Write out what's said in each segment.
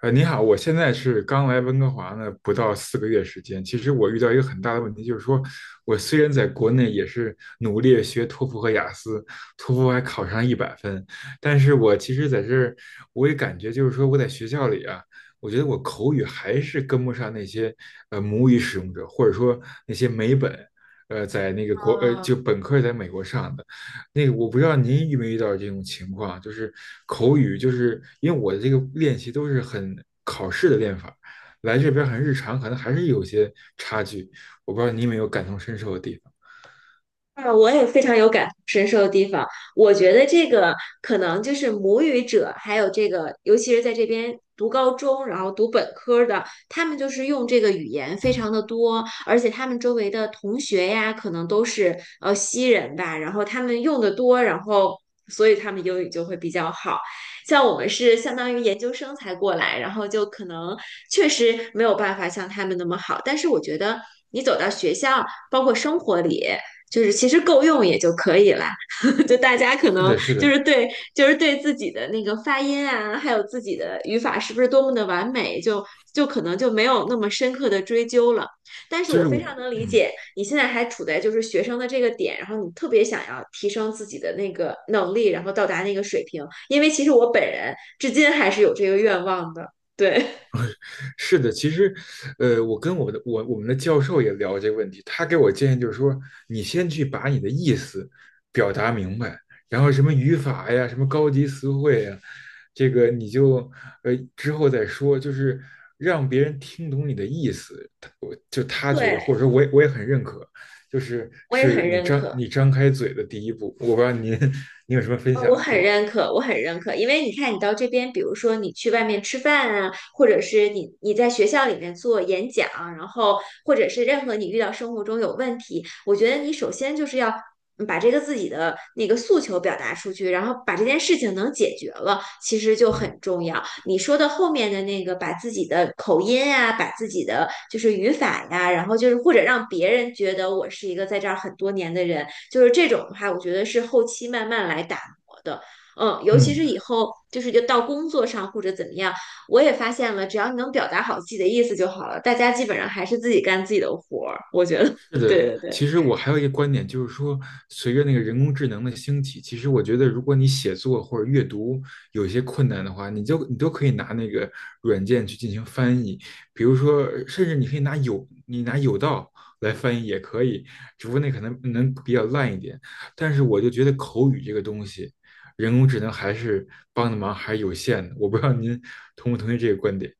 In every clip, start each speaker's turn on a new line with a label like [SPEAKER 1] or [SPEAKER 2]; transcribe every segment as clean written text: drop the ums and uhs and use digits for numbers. [SPEAKER 1] 你好，我现在是刚来温哥华呢，不到4个月时间。其实我遇到一个很大的问题，就是说我虽然在国内也是努力学托福和雅思，托福还考上100分，但是我其实在这儿，我也感觉就是说我在学校里啊，我觉得我口语还是跟不上那些母语使用者，或者说那些美本，在那个国呃就
[SPEAKER 2] 啊，
[SPEAKER 1] 本科在美国上的。那个我不知道您遇没遇到这种情况，就是口语，就是因为我的这个练习都是很考试的练法，来这边很日常，可能还是有些差距。我不知道你有没有感同身受的地方。
[SPEAKER 2] 啊！我也非常有感同身受的地方。我觉得这个可能就是母语者，还有这个，尤其是在这边读高中，然后读本科的，他们就是用这个语言非常的多，而且他们周围的同学呀，可能都是西人吧，然后他们用的多，然后所以他们英语就会比较好。像我们是相当于研究生才过来，然后就可能确实没有办法像他们那么好，但是我觉得你走到学校，包括生活里。就是其实够用也就可以啦，就大家可
[SPEAKER 1] 是
[SPEAKER 2] 能
[SPEAKER 1] 的，是
[SPEAKER 2] 就
[SPEAKER 1] 的，
[SPEAKER 2] 是对，就是对自己的那个发音啊，还有自己的语法是不是多么的完美，就可能就没有那么深刻的追究了。但是
[SPEAKER 1] 就
[SPEAKER 2] 我
[SPEAKER 1] 是我，
[SPEAKER 2] 非常能理
[SPEAKER 1] 嗯。
[SPEAKER 2] 解你现在还处在就是学生的这个点，然后你特别想要提升自己的那个能力，然后到达那个水平，因为其实我本人至今还是有这个愿望的。对，
[SPEAKER 1] 是的，其实，我跟我们的教授也聊这个问题，他给我建议就是说，你先去把你的意思表达明白，然后什么语法呀，什么高级词汇呀，这个你就之后再说，就是让别人听懂你的意思，就 他觉得，
[SPEAKER 2] 对，
[SPEAKER 1] 或者说我也很认可，就是
[SPEAKER 2] 我也
[SPEAKER 1] 是
[SPEAKER 2] 很
[SPEAKER 1] 你
[SPEAKER 2] 认
[SPEAKER 1] 张
[SPEAKER 2] 可。
[SPEAKER 1] 你张开嘴的第一步，我不知道您 您有什么分
[SPEAKER 2] 我
[SPEAKER 1] 享？
[SPEAKER 2] 很
[SPEAKER 1] 对，
[SPEAKER 2] 认可，我很认可，因为你看，你到这边，比如说你去外面吃饭啊，或者是你在学校里面做演讲，然后或者是任何你遇到生活中有问题，我觉得你首先就是要把这个自己的那个诉求表达出去，然后把这件事情能解决了，其实就很重要。你说的后面的那个，把自己的口音啊，把自己的就是语法呀，然后就是或者让别人觉得我是一个在这儿很多年的人，就是这种的话，我觉得是后期慢慢来打。活的。嗯，尤其
[SPEAKER 1] 嗯，
[SPEAKER 2] 是以后就是就到工作上或者怎么样，我也发现了，只要你能表达好自己的意思就好了，大家基本上还是自己干自己的活儿。我觉得，
[SPEAKER 1] 是
[SPEAKER 2] 对
[SPEAKER 1] 的，
[SPEAKER 2] 对对。
[SPEAKER 1] 其实我还有一个观点，就是说，随着那个人工智能的兴起，其实我觉得，如果你写作或者阅读有一些困难的话，你都可以拿那个软件去进行翻译，比如说，甚至你可以拿有道来翻译也可以，只不过那可能比较烂一点。但是我就觉得口语这个东西，人工智能还是帮的忙还是有限的。我不知道您同不同意这个观点。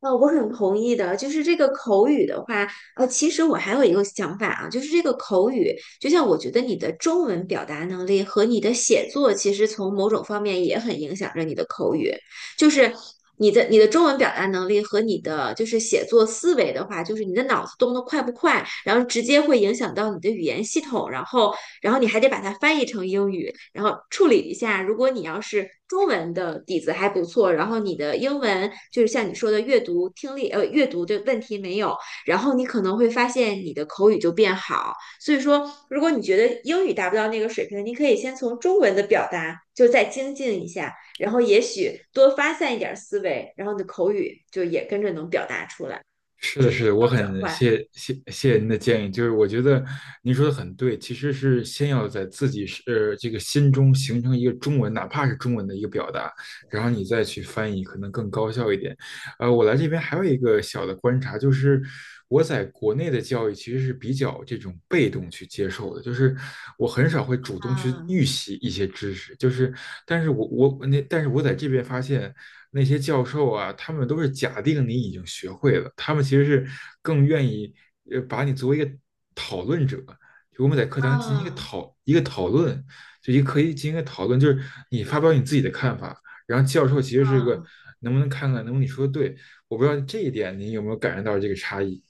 [SPEAKER 2] 我很同意的，就是这个口语的话，其实我还有一个想法啊，就是这个口语，就像我觉得你的中文表达能力和你的写作，其实从某种方面也很影响着你的口语，就是你的中文表达能力和你的就是写作思维的话，就是你的脑子动得快不快，然后直接会影响到你的语言系统，然后你还得把它翻译成英语，然后处理一下。如果你要是中文的底子还不错，然后你的英文就是像你说的阅读、听力，阅读的问题没有，然后你可能会发现你的口语就变好。所以说，如果你觉得英语达不到那个水平，你可以先从中文的表达就再精进一下，然后也许多发散一点思维，然后你的口语就也跟着能表达出来，
[SPEAKER 1] 是
[SPEAKER 2] 只
[SPEAKER 1] 的，
[SPEAKER 2] 是
[SPEAKER 1] 是
[SPEAKER 2] 需
[SPEAKER 1] 的，我
[SPEAKER 2] 要转
[SPEAKER 1] 很
[SPEAKER 2] 换。
[SPEAKER 1] 谢谢您的建议，就是我觉得您说的很对，其实是先要在自己这个心中形成一个中文，哪怕是中文的一个表达，然后你再去翻译，可能更高效一点。我来这边还有一个小的观察，就是我在国内的教育其实是比较这种被动去接受的，就是我很少会主动去
[SPEAKER 2] 啊
[SPEAKER 1] 预习一些知识，就是但是我在这边发现。那些教授啊，他们都是假定你已经学会了，他们其实是更愿意把你作为一个讨论者，就我们在课堂进行
[SPEAKER 2] 嗯
[SPEAKER 1] 一个讨论，就一个可以进行一个讨论，就是你发表你自己的看法，然后教授其实是个
[SPEAKER 2] 嗯。
[SPEAKER 1] 能不能看看能不能你说的对，我不知道这一点你有没有感受到这个差异。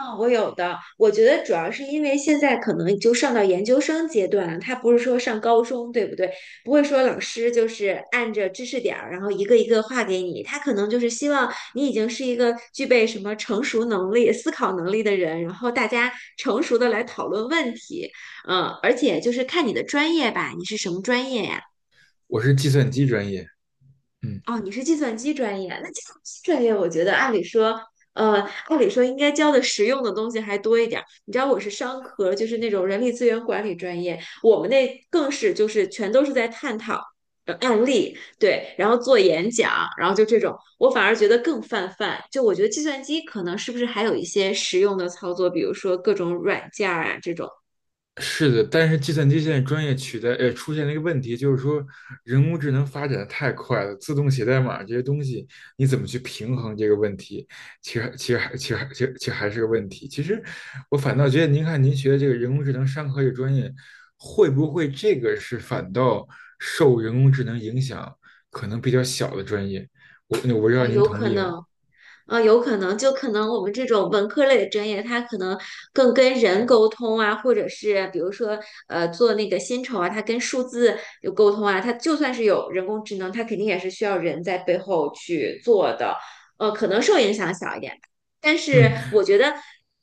[SPEAKER 2] 嗯，我有的，我觉得主要是因为现在可能就上到研究生阶段了，他不是说上高中，对不对？不会说老师就是按着知识点儿，然后一个一个画给你，他可能就是希望你已经是一个具备什么成熟能力、思考能力的人，然后大家成熟的来讨论问题，而且就是看你的专业吧，你是什么专业呀？
[SPEAKER 1] 我是计算机专业，嗯。
[SPEAKER 2] 哦，你是计算机专业，那计算机专业，我觉得按理说，呃，按理说应该教的实用的东西还多一点儿。你知道我是商科，就是那种人力资源管理专业，我们那更是就是全都是在探讨案例，对，然后做演讲，然后就这种，我反而觉得更泛泛。就我觉得计算机可能是不是还有一些实用的操作，比如说各种软件儿啊这种，
[SPEAKER 1] 是的，但是计算机现在专业取代，出现了一个问题，就是说人工智能发展的太快了，自动写代码这些东西，你怎么去平衡这个问题？其实还是个问题。其实，我反倒觉得，您看您学的这个人工智能商科这个专业，会不会这个是反倒受人工智能影响可能比较小的专业？我不知道
[SPEAKER 2] 啊，
[SPEAKER 1] 您
[SPEAKER 2] 有
[SPEAKER 1] 同
[SPEAKER 2] 可
[SPEAKER 1] 意吗？
[SPEAKER 2] 能。啊，有可能就可能我们这种文科类的专业，它可能更跟人沟通啊，或者是比如说做那个薪酬啊，它跟数字有沟通啊，它就算是有人工智能，它肯定也是需要人在背后去做的，可能受影响小一点吧，但是
[SPEAKER 1] 嗯。
[SPEAKER 2] 我觉得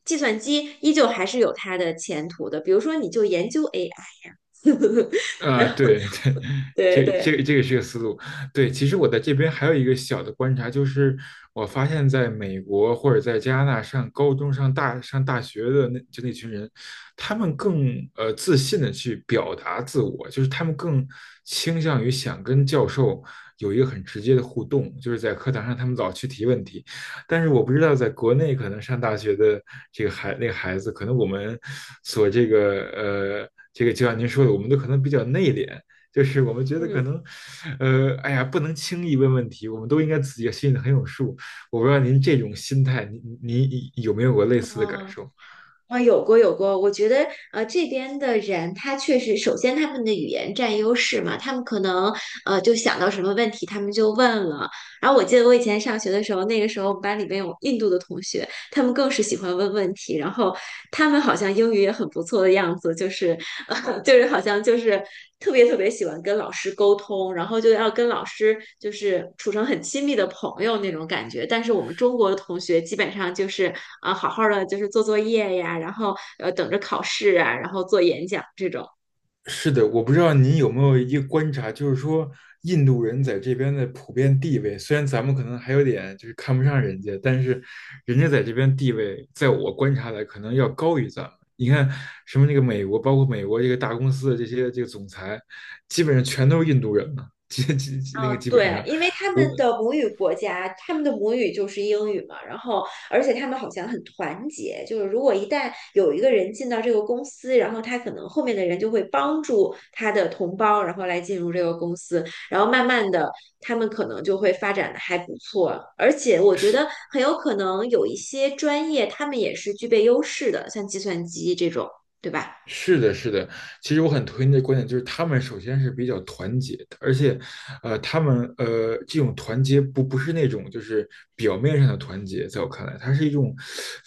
[SPEAKER 2] 计算机依旧还是有它的前途的，比如说你就研究 AI，
[SPEAKER 1] 啊，对对，
[SPEAKER 2] 对对。
[SPEAKER 1] 这个是个思路。对，其实我在这边还有一个小的观察，就是我发现在美国或者在加拿大上高中、上大学的那群人，他们更自信的去表达自我，就是他们更倾向于想跟教授有一个很直接的互动，就是在课堂上他们老去提问题，但是我不知道在国内可能上大学的这个孩那个孩子，可能我们所这个呃这个就像您说的，我们都可能比较内敛，就是我们觉得可
[SPEAKER 2] 嗯
[SPEAKER 1] 能哎呀不能轻易问问题，我们都应该自己心里很有数。我不知道您这种心态，您有没有过类似的感
[SPEAKER 2] 啊。
[SPEAKER 1] 受？
[SPEAKER 2] 啊，有过有过，我觉得这边的人他确实，首先他们的语言占优势嘛，他们可能就想到什么问题他们就问了。然后我记得我以前上学的时候，那个时候我们班里面有印度的同学，他们更是喜欢问问题，然后他们好像英语也很不错的样子，就是 就是好像就是特别特别喜欢跟老师沟通，然后就要跟老师就是处成很亲密的朋友那种感觉。但是我们中国的同学基本上就是啊，好好的就是做作业呀，然后等着考试啊，然后做演讲这种。
[SPEAKER 1] 是的，我不知道您有没有一个观察，就是说印度人在这边的普遍地位，虽然咱们可能还有点就是看不上人家，但是人家在这边地位，在我观察来可能要高于咱们。你看什么那个美国，包括美国这个大公司的这些这个总裁，基本上全都是印度人嘛，基基基那个
[SPEAKER 2] 哦，
[SPEAKER 1] 基本
[SPEAKER 2] 对，
[SPEAKER 1] 上，
[SPEAKER 2] 因为他
[SPEAKER 1] 我
[SPEAKER 2] 们的母语国家，他们的母语就是英语嘛，然后而且他们好像很团结，就是如果一旦有一个人进到这个公司，然后他可能后面的人就会帮助他的同胞，然后来进入这个公司，然后慢慢的他们可能就会发展的还不错，而且我觉得
[SPEAKER 1] 是
[SPEAKER 2] 很有可能有一些专业他们也是具备优势的，像计算机这种，对吧？
[SPEAKER 1] 是的，是的，其实我很推荐这观点，就是他们首先是比较团结的，而且，他们这种团结不是那种就是表面上的团结，在我看来，它是一种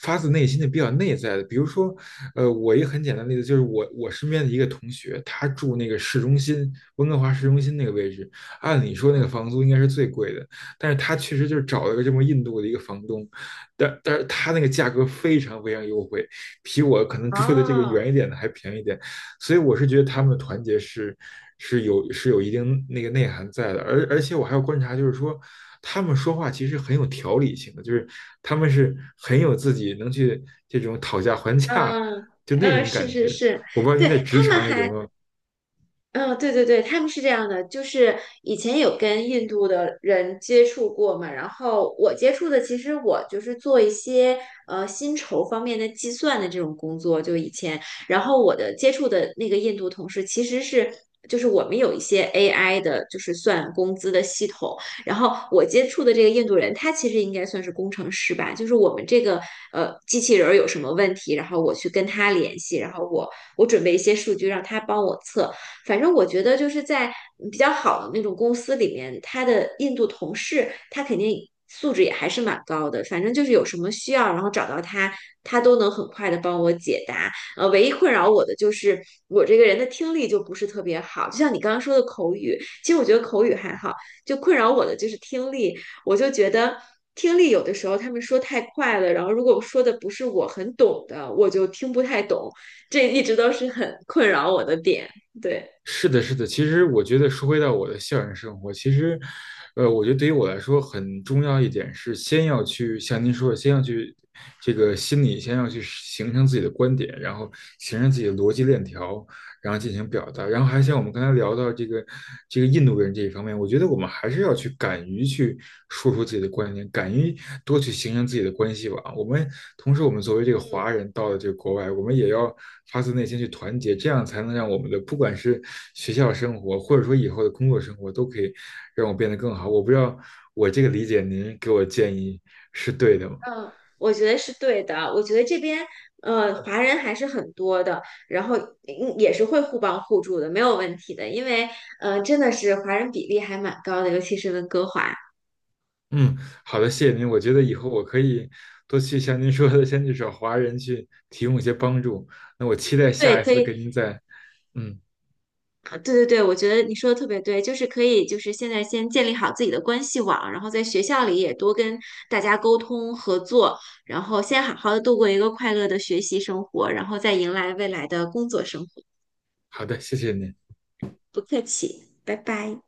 [SPEAKER 1] 发自内心的比较内在的。比如说，我一个很简单的例子就是我身边的一个同学，他住那个市中心，温哥华市中心那个位置，按理说那个房租应该是最贵的，但是他确实就是找了个这么印度的一个房东，但是他那个价格非常非常优惠，比我可能住的这个
[SPEAKER 2] 哦，
[SPEAKER 1] 远一点的还便宜一点，所以我是觉得他们的团结是有是有一定那个内涵在的，而且我还要观察，就是说他们说话其实很有条理性的，就是他们是很有自己能去这种讨价还价
[SPEAKER 2] 嗯
[SPEAKER 1] 就那
[SPEAKER 2] 嗯，
[SPEAKER 1] 种
[SPEAKER 2] 是
[SPEAKER 1] 感
[SPEAKER 2] 是
[SPEAKER 1] 觉，
[SPEAKER 2] 是，
[SPEAKER 1] 我不知道您
[SPEAKER 2] 对，
[SPEAKER 1] 在职
[SPEAKER 2] 他们
[SPEAKER 1] 场里有
[SPEAKER 2] 还
[SPEAKER 1] 没有
[SPEAKER 2] 嗯，对对对，他们是这样的，就是以前有跟印度的人接触过嘛，然后我接触的其实我就是做一些薪酬方面的计算的这种工作，就以前，然后我的接触的那个印度同事其实是。就是我们有一些 AI 的，就是算工资的系统。然后我接触的这个印度人，他其实应该算是工程师吧。就是我们这个机器人儿有什么问题，然后我去跟他联系，然后我准备一些数据让他帮我测。反正我觉得就是在比较好的那种公司里面，他的印度同事他肯定素质也还是蛮高的。反正就是有什么需要，然后找到他，他都能很快的帮我解答。唯一困扰我的就是我这个人的听力就不是特别好，就像你刚刚说的口语，其实我觉得口语还好，就困扰我的就是听力，我就觉得。听力有的时候他们说太快了，然后如果说的不是我很懂的，我就听不太懂，这一直都是很困扰我的点。对，
[SPEAKER 1] 是的，是的。其实我觉得说回到我的校园生活，其实，我觉得对于我来说很重要一点是，先要去像您说的，先要去这个心里，先要去形成自己的观点，然后形成自己的逻辑链条，然后进行表达。然后还像我们刚才聊到这个印度人这一方面，我觉得我们还是要去敢于去说出自己的观点，敢于多去形成自己的关系网。我们同时，我们作为这个
[SPEAKER 2] 嗯，
[SPEAKER 1] 华人到了这个国外，我们也要发自内心去团结，这样才能让我们的不管是学校生活，或者说以后的工作生活，都可以让我变得更好。我不知道我这个理解，您给我建议是对的吗？
[SPEAKER 2] 嗯我觉得是对的。我觉得这边华人还是很多的，然后也是会互帮互助的，没有问题的。因为真的是华人比例还蛮高的，尤其是温哥华。
[SPEAKER 1] 嗯，好的，谢谢您。我觉得以后我可以多去像您说的，先去找华人去提供一些帮助。那我期待下
[SPEAKER 2] 对，
[SPEAKER 1] 一
[SPEAKER 2] 可
[SPEAKER 1] 次
[SPEAKER 2] 以，
[SPEAKER 1] 跟您再，嗯，
[SPEAKER 2] 啊对对对，我觉得你说的特别对，就是可以，就是现在先建立好自己的关系网，然后在学校里也多跟大家沟通合作，然后先好好的度过一个快乐的学习生活，然后再迎来未来的工作生活。
[SPEAKER 1] 好的，谢谢您。
[SPEAKER 2] 不客气，拜拜。